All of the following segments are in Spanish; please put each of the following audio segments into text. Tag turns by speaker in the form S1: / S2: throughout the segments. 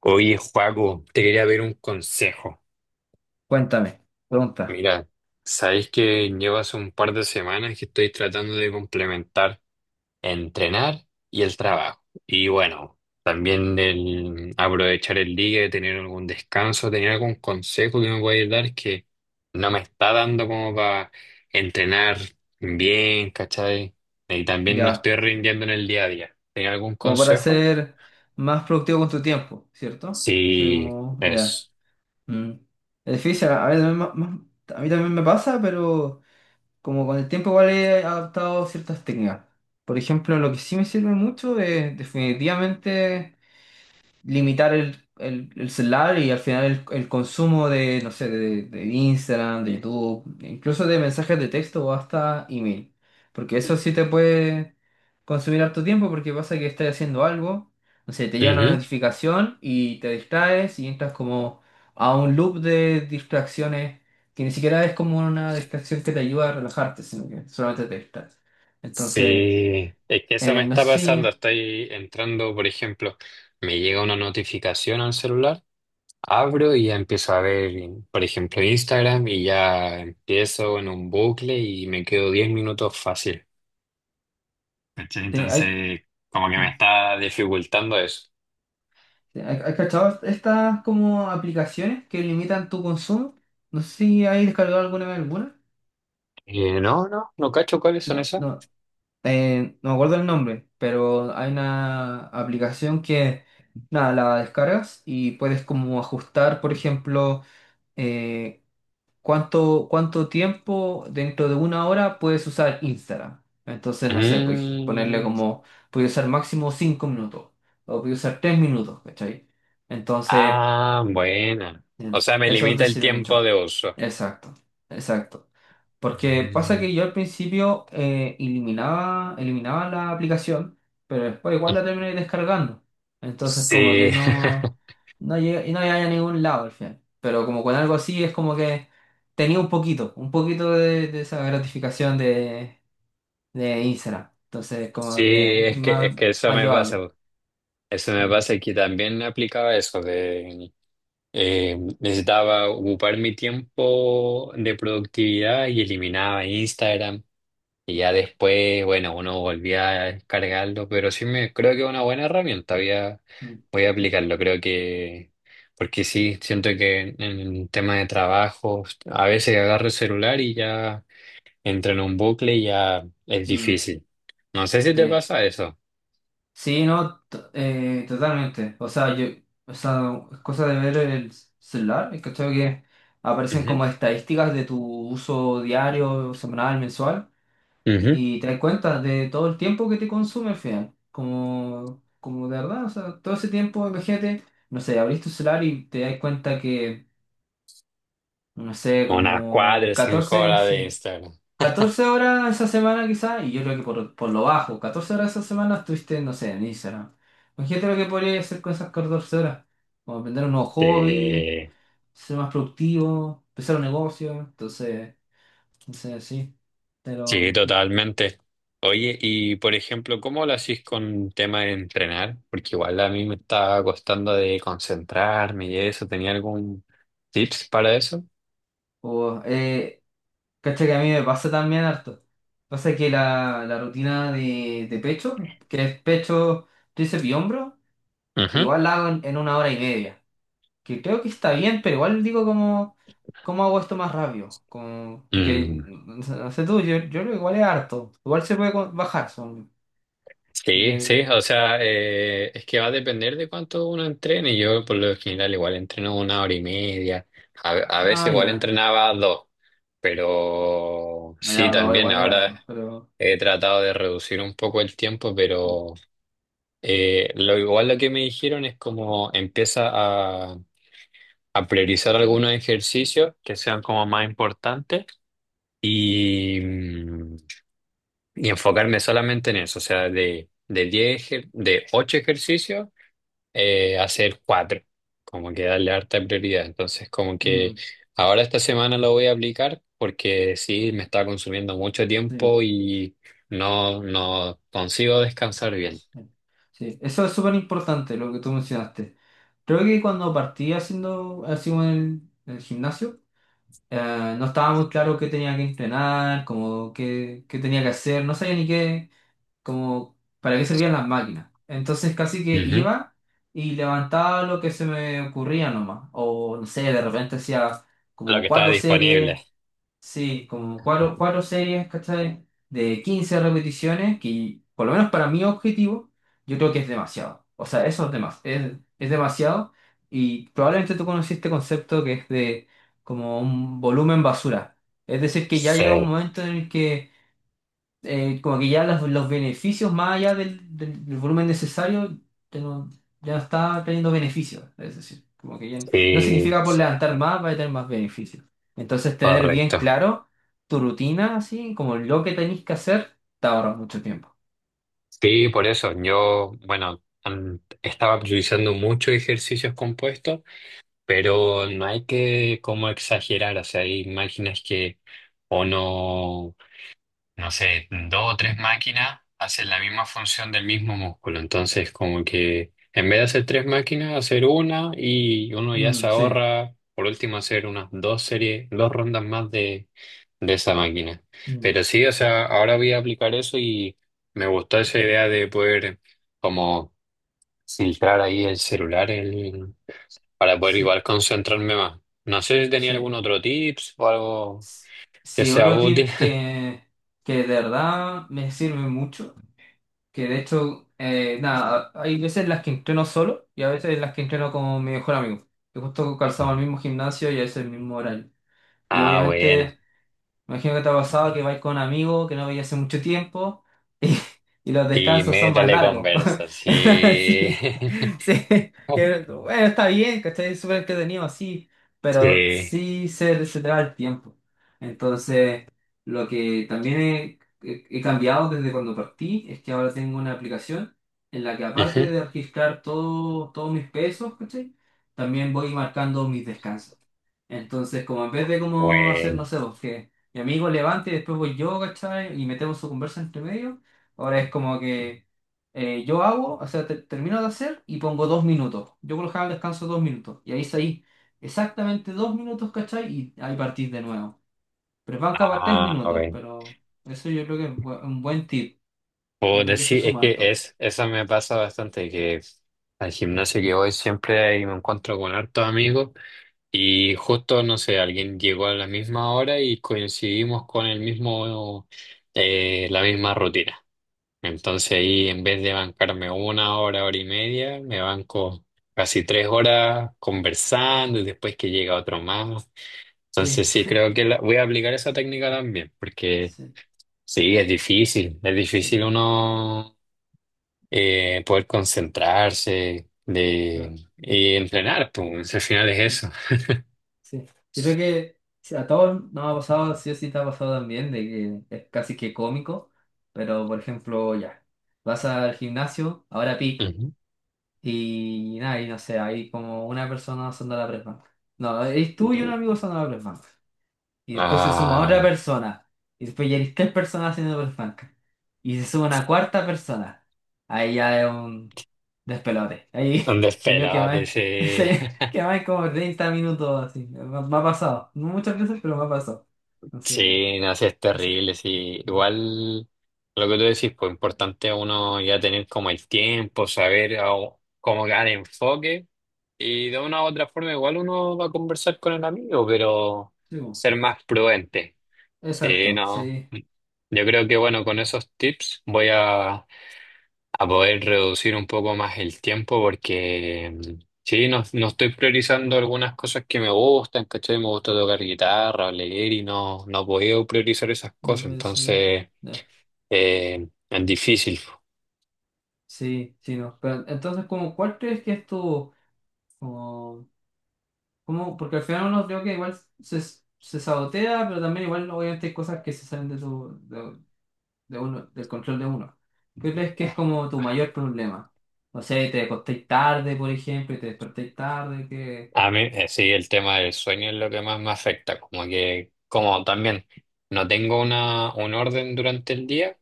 S1: Oye, Joaco, te quería ver un consejo.
S2: Cuéntame, pregunta,
S1: Mira, sabéis que llevo hace un par de semanas que estoy tratando de complementar entrenar y el trabajo. Y bueno, también el aprovechar el día, tener algún descanso, tener algún consejo que me pueda dar que no me está dando como para entrenar bien, ¿cachai? Y también no
S2: ya,
S1: estoy rindiendo en el día a día. ¿Tenía algún
S2: como para
S1: consejo?
S2: ser más productivo con tu tiempo, ¿cierto? Soy
S1: Sí,
S2: como, ya.
S1: es.
S2: Mm. Es difícil, a mí también. A mí también me pasa, pero como con el tiempo igual he adaptado ciertas técnicas. Por ejemplo, lo que sí me sirve mucho es definitivamente limitar el celular y al final el consumo de, no sé, de Instagram, de YouTube, incluso de mensajes de texto o hasta email. Porque eso sí te puede consumir harto tiempo porque pasa que estás haciendo algo, no sé, te llega una notificación y te distraes y entras como a un loop de distracciones que ni siquiera es como una distracción que te ayuda a relajarte, sino que solamente te distraes. Entonces,
S1: Sí, es que eso me
S2: no sé
S1: está pasando.
S2: si
S1: Estoy entrando, por ejemplo, me llega una notificación al celular, abro y ya empiezo a ver, por ejemplo, Instagram y ya empiezo en un bucle y me quedo 10 minutos fácil. ¿Cachai?
S2: hay.
S1: Entonces, como que me está dificultando eso.
S2: ¿Has cachado estas como aplicaciones que limitan tu consumo? No sé si hay descargado alguna vez alguna.
S1: No, no, no cacho cuáles son
S2: No,
S1: esas.
S2: no, no me acuerdo el nombre, pero hay una aplicación que, nada, la descargas y puedes como ajustar, por ejemplo, eh, cuánto tiempo dentro de una hora puedes usar Instagram. Entonces, no sé, puedes ponerle
S1: Mm,
S2: como, puedes usar máximo 5 minutos o puedes usar 3 minutos, ¿cachai? Entonces...
S1: ah, bueno.
S2: Mm.
S1: O sea, me
S2: Eso
S1: limita
S2: te
S1: el
S2: sirve
S1: tiempo
S2: mucho.
S1: de uso.
S2: Exacto, exacto. Porque pasa
S1: Mm,
S2: que yo al principio eliminaba la aplicación, pero después igual la terminé descargando. Entonces como que
S1: sí.
S2: no, no llegué, y no llegué a ningún lado al final. Pero como con algo así es como que tenía un poquito de esa gratificación de Instagram. Entonces
S1: Sí,
S2: como que es
S1: es que, es
S2: más,
S1: que eso
S2: más
S1: me pasa.
S2: llevable.
S1: Eso me
S2: Mm,
S1: pasa que también aplicaba eso de necesitaba ocupar mi tiempo de productividad y eliminaba Instagram. Y ya después, bueno, uno volvía a descargarlo, pero sí me creo que es una buena herramienta.
S2: mm,
S1: Voy a aplicarlo, creo que, porque sí, siento que en tema de trabajo, a veces agarro el celular y ya entro en un bucle y ya es
S2: mm,
S1: difícil. No sé si te
S2: sí.
S1: pasa eso.
S2: Sí, no, totalmente. O sea, yo, o sea, es cosa de ver el celular, es, ¿cachai? Que aparecen como estadísticas de tu uso diario, semanal, mensual,
S1: Ujú.
S2: y te das cuenta de todo el tiempo que te consume al final. Como, como de verdad, o sea, todo ese tiempo, imagínate, no sé, abrís tu celular y te das cuenta que, no sé,
S1: Una cuadra,
S2: como
S1: cinco horas de Instagram.
S2: 14 horas esa semana quizás, y yo creo que por lo bajo, 14 horas esa semana estuviste, no sé, en Instagram. Imagínate lo que podría hacer con esas 14 horas. Como aprender un nuevo
S1: Sí,
S2: hobby, ser más productivo, empezar un negocio, entonces, no sé, sí.
S1: sí,
S2: Pero,
S1: totalmente. Oye, y por ejemplo, ¿cómo lo hacís con tema de entrenar? Porque igual a mí me estaba costando de concentrarme y eso. ¿Tenía algún tips para eso?
S2: o, eh, cacha que a mí me pasa también harto. Pasa que la rutina de pecho, que es pecho, tríceps y hombro,
S1: Ujú.
S2: igual la hago en una hora y media. Que creo que está bien, pero igual digo como, ¿cómo hago esto más rápido? Como, porque,
S1: Mm,
S2: no sé tú, yo creo que igual es harto. Igual se puede bajar, son.
S1: sí,
S2: Porque,
S1: sí, o sea, es que va a depender de cuánto uno entrene. Yo por lo general igual entreno una hora y media, a veces
S2: ah,
S1: igual
S2: ya,
S1: entrenaba dos, pero
S2: no,
S1: sí,
S2: ya, no,
S1: también
S2: igual es harto,
S1: ahora
S2: pero...
S1: he tratado de reducir un poco el tiempo,
S2: Mm,
S1: pero lo igual lo que me dijeron es como empieza a priorizar algunos ejercicios que sean como más importantes y, y enfocarme solamente en eso, o sea, de 10 de 8 ejercicios hacer cuatro, como que darle harta prioridad. Entonces, como que
S2: mm,
S1: ahora esta semana lo voy a aplicar porque sí, me está consumiendo mucho
S2: sí,
S1: tiempo y no, no consigo descansar bien.
S2: sí, sí. Eso es súper importante, lo que tú mencionaste. Creo que cuando partí haciendo, así como en el gimnasio, no estaba muy claro qué tenía que entrenar, como qué tenía que hacer, no sabía ni qué. Como para qué servían las máquinas. Entonces casi que
S1: Ujú.
S2: iba y levantaba lo que se me ocurría nomás. O no sé, de repente hacía
S1: Lo
S2: como
S1: que está
S2: cuatro series,
S1: disponible.
S2: sí, como cuatro series, ¿cachai? De 15 repeticiones, que por lo menos para mi objetivo, yo creo que es demasiado. O sea, eso es demasiado. Es demasiado. Y probablemente tú conoces este concepto que es de como un volumen basura. Es decir, que ya llega un
S1: Sí,
S2: momento en el que como que ya los beneficios más allá del volumen necesario ya, no- ya no está teniendo beneficios. Es decir, como que ya no significa por
S1: sí,
S2: levantar más va a tener más beneficios. Entonces tener bien
S1: correcto.
S2: claro tu rutina, así como lo que tenés que hacer, te ahorra mucho tiempo.
S1: Sí, por eso yo, bueno, estaba priorizando muchos ejercicios compuestos, pero no hay que como exagerar, o sea, hay máquinas que o no no sé, dos o tres máquinas hacen la misma función del mismo músculo. Entonces, como que en vez de hacer tres máquinas, hacer una y uno ya se
S2: Mm, sí.
S1: ahorra, por último, hacer unas dos series, dos rondas más de esa máquina.
S2: Mm,
S1: Pero sí, o sea, ahora voy a aplicar eso y me gustó esa idea de poder como filtrar ahí el celular para poder
S2: sí,
S1: igual concentrarme más. No sé si tenía
S2: sí.
S1: algún otro tips o algo
S2: S-
S1: que
S2: Sí,
S1: sea
S2: otro
S1: útil.
S2: tip que de verdad me sirve mucho. Que de hecho, nada, hay veces en las que entreno solo y a veces en las que entreno con mi mejor amigo, que justo calzamos
S1: Mm.
S2: el mismo gimnasio y es el mismo horario. Y
S1: Ah, bueno.
S2: obviamente, imagino que te ha pasado que vais con amigos que no veis hace mucho tiempo y, y los
S1: Y
S2: descansos son más
S1: métale
S2: largos.
S1: conversa, sí.
S2: Sí, sí. Que, bueno, está bien, ¿cachai? Es súper entretenido así, pero
S1: Sí.
S2: sí se te va el tiempo. Entonces, lo que también he cambiado desde cuando partí es que ahora tengo una aplicación en la que
S1: Ujú.
S2: aparte de registrar todos mis pesos, ¿cachai? También voy marcando mis descansos. Entonces, como en vez de como hacer, no
S1: Bueno.
S2: sé, pues, que mi amigo levante y después voy yo, ¿cachai? Y metemos su conversa entre medio, ahora es como que yo hago, o sea, termino de hacer y pongo 2 minutos. Yo por lo general descanso 2 minutos. Y ahí salí exactamente 2 minutos, ¿cachai? Y ahí partís de nuevo. Pero van cada tres
S1: Ah,
S2: minutos,
S1: bueno.
S2: pero eso yo creo que es un buen tip. Yo creo
S1: Puedo
S2: que eso
S1: sí es
S2: suma
S1: que
S2: harto.
S1: es, eso me pasa bastante, que al gimnasio que voy siempre ahí me encuentro con hartos amigos y justo, no sé, alguien llegó a la misma hora y coincidimos con el mismo, la misma rutina. Entonces ahí en vez de bancarme una hora, hora y media, me banco casi tres horas conversando y después que llega otro más.
S2: Sí,
S1: Entonces sí, creo que voy a aplicar esa
S2: sí,
S1: técnica también, porque sí, es
S2: sí,
S1: difícil uno poder concentrarse de,
S2: claro,
S1: y entrenar, pues al final es
S2: sí.
S1: eso.
S2: Sí, yo creo que sí, a todos nos ha pasado, sí o sí te ha pasado también, de que es casi que cómico, pero por ejemplo, ya, vas al gimnasio, ahora pic,
S1: Ujú.
S2: y nada, y no sé, hay como una persona usando la press bank. No, es tú y un amigo usando la press bank. Y después se suma
S1: Ah,
S2: otra persona. Y después ya eres tres personas haciendo perfanca. Y se suma una cuarta persona. Ahí ya es un despelote. Ahí,
S1: ¿dónde
S2: yo que
S1: esperabas
S2: más,
S1: ese?
S2: que más como 30 minutos así. Me ha pasado. No muchas veces, pero me ha pasado. Entonces,
S1: Sí, no, sí, es
S2: no sé,
S1: terrible, sí.
S2: no.
S1: Igual lo que tú decís, pues importante uno ya tener como el tiempo, saber cómo dar enfoque y de una u otra forma igual uno va a conversar con el amigo, pero
S2: Sí, bueno.
S1: ser más prudente. Sí,
S2: Exacto,
S1: no.
S2: sí.
S1: Yo creo que bueno, con esos tips a poder reducir un poco más el tiempo porque sí, no, no estoy priorizando algunas cosas que me gustan, ¿cachai? Me gusta tocar guitarra, leer y no, no puedo priorizar esas
S2: No
S1: cosas,
S2: pensé.
S1: entonces
S2: No.
S1: es difícil.
S2: Sí, sí, no. Pero entonces, como, ¿cuál crees que es tu, como, como? Porque al final uno creo que igual se sabotea, pero también igual obviamente hay cosas que se salen de uno, del control de uno. ¿Qué crees que es como tu mayor problema? No sé, te acostéis tarde, por ejemplo, y te despertéis tarde, que...
S1: A mí, sí, el tema del sueño es lo que más me afecta, como que, como también no tengo un orden durante el día,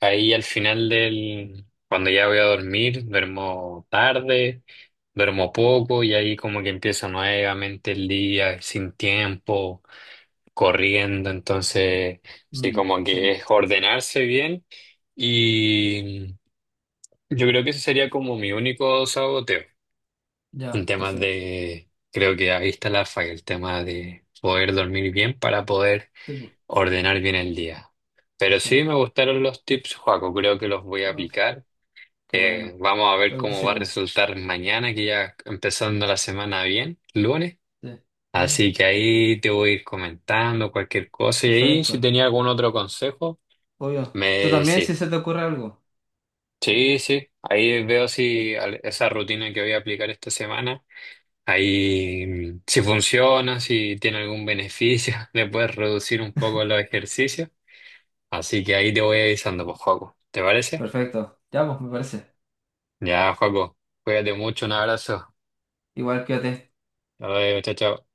S1: ahí al final del, cuando ya voy a dormir, duermo tarde, duermo poco y ahí como que empieza nuevamente el día sin tiempo. Corriendo, entonces sí,
S2: Mm,
S1: como que
S2: sí,
S1: es ordenarse bien y yo creo que ese sería como mi único saboteo en
S2: ya,
S1: temas
S2: perfecto.
S1: de, creo que ahí está la falla, el tema de poder dormir bien para poder
S2: Sí, po,
S1: ordenar bien el día. Pero
S2: sí.
S1: sí me gustaron los tips, Joaco, creo que los voy a
S2: Vas.
S1: aplicar.
S2: Qué bueno.
S1: Vamos a ver
S2: Pero que te
S1: cómo va a
S2: sirva.
S1: resultar mañana, que ya empezando la semana bien, lunes.
S2: Sí.
S1: Así
S2: ¿Lunes?
S1: que ahí te voy a ir comentando cualquier cosa. Y ahí, si
S2: Perfecto.
S1: tenía algún otro consejo,
S2: Obvio. Tú
S1: me
S2: también, si
S1: sí.
S2: se te ocurre algo. Ya.
S1: Sí, sí. Ahí veo si esa rutina que voy a aplicar esta semana, ahí si funciona, si tiene algún beneficio, le puedes reducir un poco los ejercicios. Así que ahí te voy avisando, pues, Joaco. ¿Te parece?
S2: Perfecto. Ya, pues, me parece.
S1: Ya, Joaco. Cuídate mucho, un abrazo.
S2: Igual quédate.
S1: Hasta luego, chao, chao.